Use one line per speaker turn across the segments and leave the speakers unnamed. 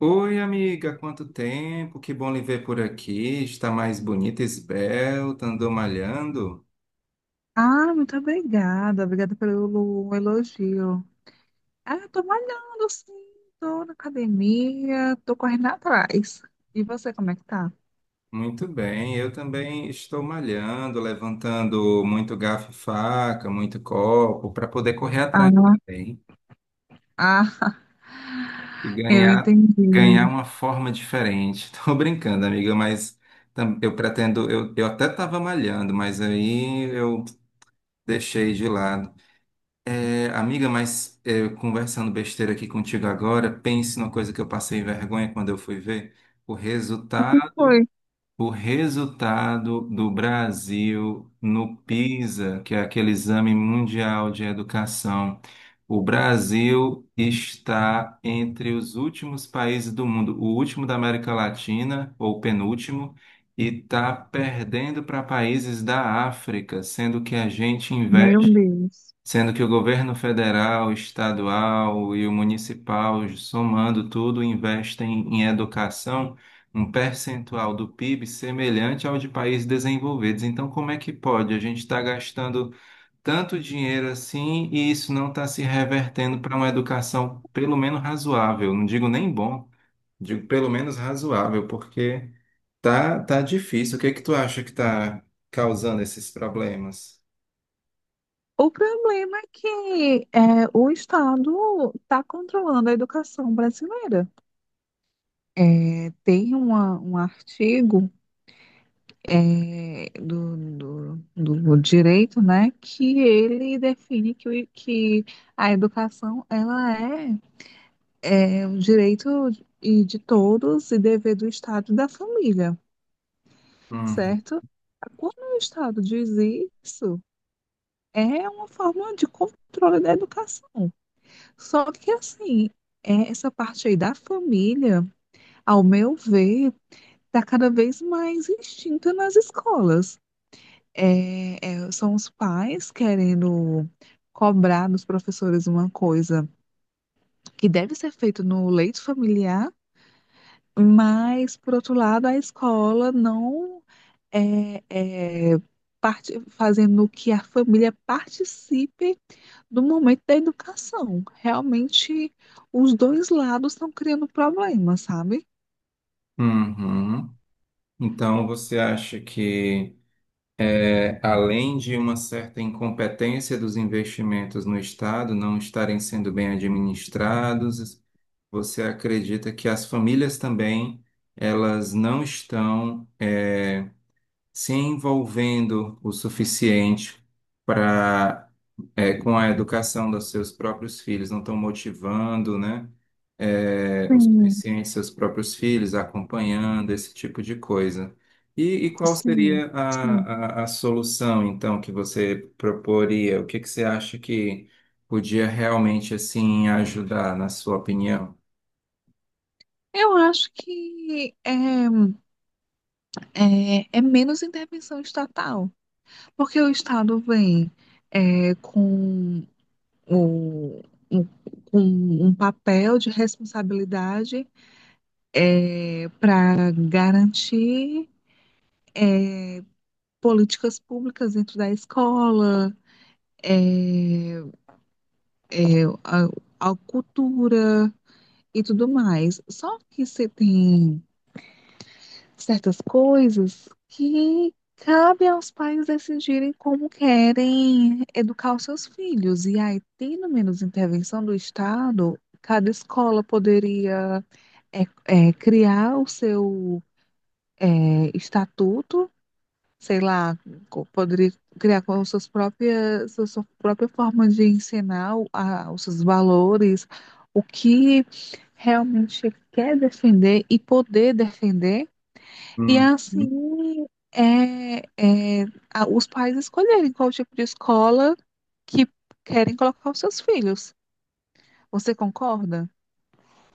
Oi, amiga, quanto tempo? Que bom lhe ver por aqui. Está mais bonita, esbelta, andou malhando?
Muito obrigada. Obrigada pelo elogio. Eu tô malhando, sim. Tô na academia, tô correndo atrás. E você, como é que tá?
Muito bem, eu também estou malhando, levantando muito garfo e faca, muito copo, para poder correr
Ah,
atrás também
ah,
e
eu
ganhar
entendi.
uma forma diferente. Estou brincando, amiga, mas eu pretendo, eu até estava malhando, mas aí eu deixei de lado. É, amiga, mas é, conversando besteira aqui contigo agora, pense numa coisa que eu passei vergonha quando eu fui ver o
O que
resultado,
foi?
o resultado do Brasil no PISA, que é aquele exame mundial de educação. O Brasil está entre os últimos países do mundo, o último da América Latina, ou penúltimo, e está perdendo para países da África, sendo que a gente
Meu
investe
Deus.
sendo que o governo federal, estadual e o municipal, somando tudo, investem em educação um percentual do PIB semelhante ao de países desenvolvidos. Então, como é que pode? A gente está gastando tanto dinheiro assim e isso não está se revertendo para uma educação pelo menos razoável. Não digo nem bom, digo pelo menos razoável, porque tá difícil. O que é que tu acha que está causando esses problemas?
O problema é o Estado está controlando a educação brasileira. É, tem um artigo. Do direito, né, que ele define que a educação é um direito e de todos e dever do Estado e da família,
Uhum.
certo? Quando o Estado diz isso, é uma forma de controle da educação. Só que assim, essa parte aí da família, ao meu ver, está cada vez mais extinta nas escolas. São os pais querendo cobrar dos professores uma coisa que deve ser feita no leito familiar, mas, por outro lado, a escola não é, é, parte, fazendo que a família participe do momento da educação. Realmente, os dois lados estão criando problemas, sabe?
Uhum. Então, você acha que, além de uma certa incompetência dos investimentos no Estado não estarem sendo bem administrados, você acredita que as famílias também elas não estão se envolvendo o suficiente para com a educação dos seus próprios filhos, não estão motivando, né, é, o
Sim,
suficiente seus próprios filhos, acompanhando esse tipo de coisa. E qual
sim,
seria
sim.
a solução, então, que você proporia? O que que você acha que podia realmente, assim, ajudar, na sua opinião?
Eu acho que é menos intervenção estatal. Porque o Estado vem é, com, o, um, com um papel de responsabilidade para garantir é, políticas públicas dentro da escola, é, a cultura e tudo mais. Só que se tem certas coisas que cabe aos pais decidirem como querem educar os seus filhos. E aí, tendo menos intervenção do Estado, cada escola poderia criar o seu estatuto, sei lá, poderia criar com suas própria forma de ensinar os seus valores, o que realmente quer defender e poder defender e
Uhum.
assim, é, é, os pais escolherem qual tipo de escola que querem colocar os seus filhos. Você concorda?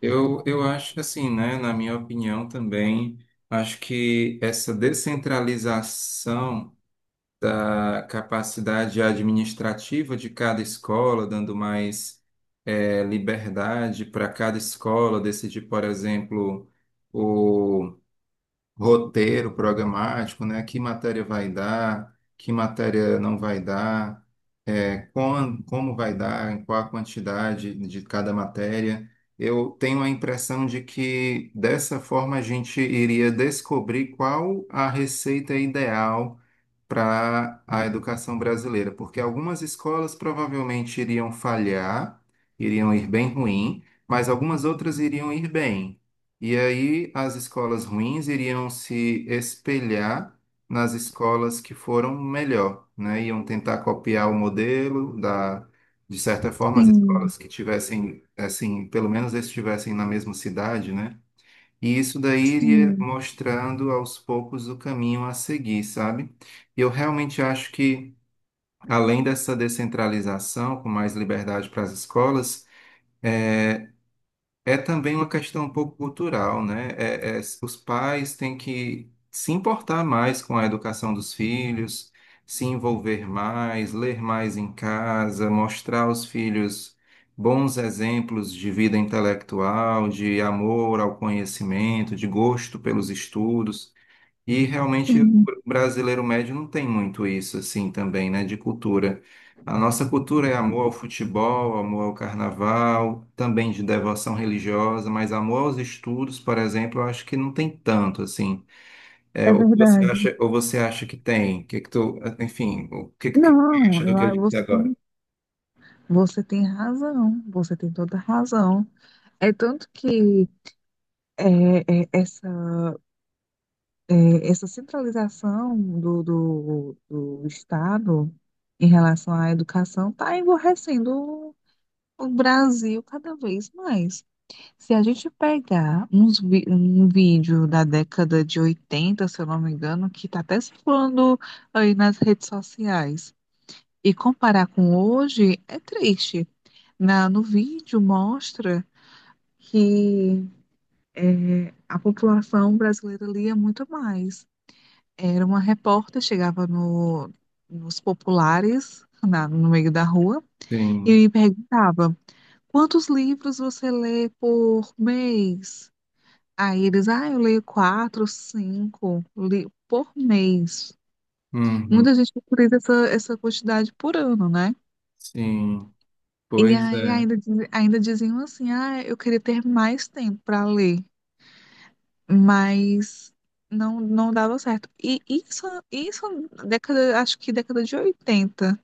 Eu acho assim, né? Na minha opinião também, acho que essa descentralização da capacidade administrativa de cada escola, dando mais liberdade para cada escola decidir, por exemplo, roteiro programático, né? Que matéria vai dar, que matéria não vai dar, como vai dar, em qual a quantidade de cada matéria. Eu tenho a impressão de que dessa forma a gente iria descobrir qual a receita ideal para a educação brasileira, porque algumas escolas provavelmente iriam falhar, iriam ir bem ruim, mas algumas outras iriam ir bem. E aí as escolas ruins iriam se espelhar nas escolas que foram melhor, né? Iam tentar copiar o modelo da, de certa forma, as
Sim,
escolas que tivessem, assim, pelo menos estivessem na mesma cidade, né? E isso daí iria
sim,
mostrando aos poucos o caminho a seguir, sabe? E eu realmente acho que, além dessa descentralização, com mais liberdade para as escolas, eh, é também uma questão um pouco cultural, né? Os pais têm que se importar mais com a educação dos filhos, se envolver mais, ler mais em casa, mostrar aos filhos bons exemplos de vida intelectual, de amor ao conhecimento, de gosto pelos estudos. E realmente o
sim,
brasileiro médio não tem muito isso assim também, né, de cultura. A nossa cultura é amor ao futebol, amor ao carnaval, também de devoção religiosa, mas amor aos estudos, por exemplo, eu acho que não tem tanto assim. É,
é verdade.
ou você acha que tem? Enfim, o que que tu
Não,
acha do que eu disse agora?
você tem razão, você tem toda a razão. É tanto que é, é, essa, essa centralização do Estado em relação à educação está emborrecendo o Brasil, cada vez mais. Se a gente pegar um vídeo da década de 80, se eu não me engano, que está até circulando aí nas redes sociais, e comparar com hoje, é triste. No vídeo mostra que a população brasileira lia muito mais. Era uma repórter, chegava nos populares, no meio da rua,
Sim.
e perguntava. Quantos livros você lê por mês? Aí eles, ah, eu leio 4, 5 li por mês.
Uhum.
Muita gente procura essa quantidade por ano, né?
Sim.
E
Pois
aí
é.
ainda, ainda diziam assim, ah, eu queria ter mais tempo para ler, mas não, não dava certo. E isso década, acho que década de 80.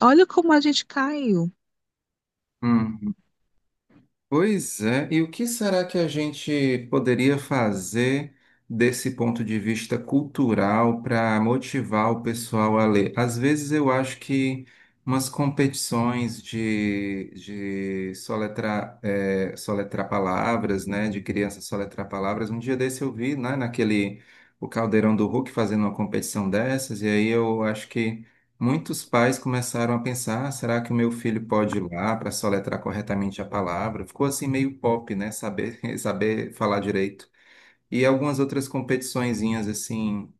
Olha como a gente caiu.
Pois é, e o que será que a gente poderia fazer desse ponto de vista cultural para motivar o pessoal a ler? Às vezes eu acho que umas competições de soletrar, soletrar palavras, né, de criança soletrar palavras, um dia desse eu vi, né, naquele, o Caldeirão do Hulk fazendo uma competição dessas, e aí eu acho que muitos pais começaram a pensar: "Ah, será que o meu filho pode ir lá para soletrar corretamente a palavra? Ficou assim meio pop, né? Saber, saber falar direito. E algumas outras competiçõezinhas assim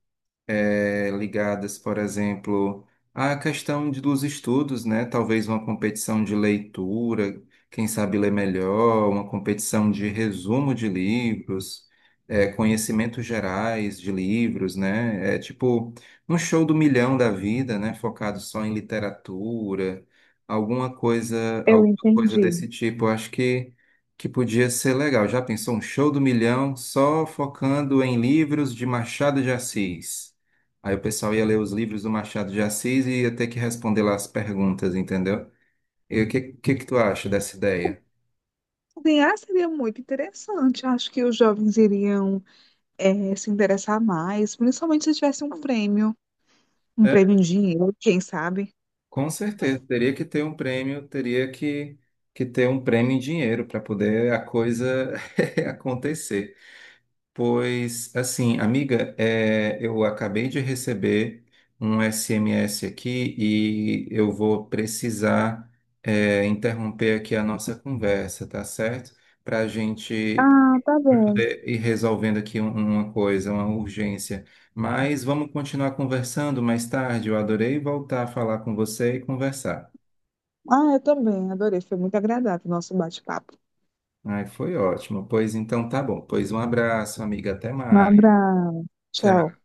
ligadas, por exemplo, à questão dos estudos, né? Talvez uma competição de leitura, quem sabe ler melhor, uma competição de resumo de livros, conhecimentos gerais de livros, né? É tipo um show do milhão da vida, né? Focado só em literatura,
Eu
alguma coisa
entendi.
desse tipo. Eu acho que podia ser legal. Já pensou um show do milhão só focando em livros de Machado de Assis? Aí o pessoal ia ler os livros do Machado de Assis e ia ter que responder lá as perguntas, entendeu? E que tu acha dessa ideia?
Desenhar seria muito interessante. Acho que os jovens iriam se interessar mais, principalmente se tivesse um prêmio
É,
em dinheiro, quem sabe?
com certeza, teria que ter um prêmio, teria que ter um prêmio em dinheiro para poder a coisa acontecer. Pois, assim, amiga, eu acabei de receber um SMS aqui e eu vou precisar, interromper aqui a nossa conversa, tá certo? Para a gente
Ah, tá
para
bom.
poder ir resolvendo aqui uma coisa, uma urgência. Mas vamos continuar conversando mais tarde. Eu adorei voltar a falar com você e conversar.
Ah, eu também, adorei. Foi muito agradável o nosso bate-papo.
Ai, foi ótimo. Pois então tá bom. Pois um abraço, amiga. Até
Um
mais.
abraço.
Tchau.
Tchau.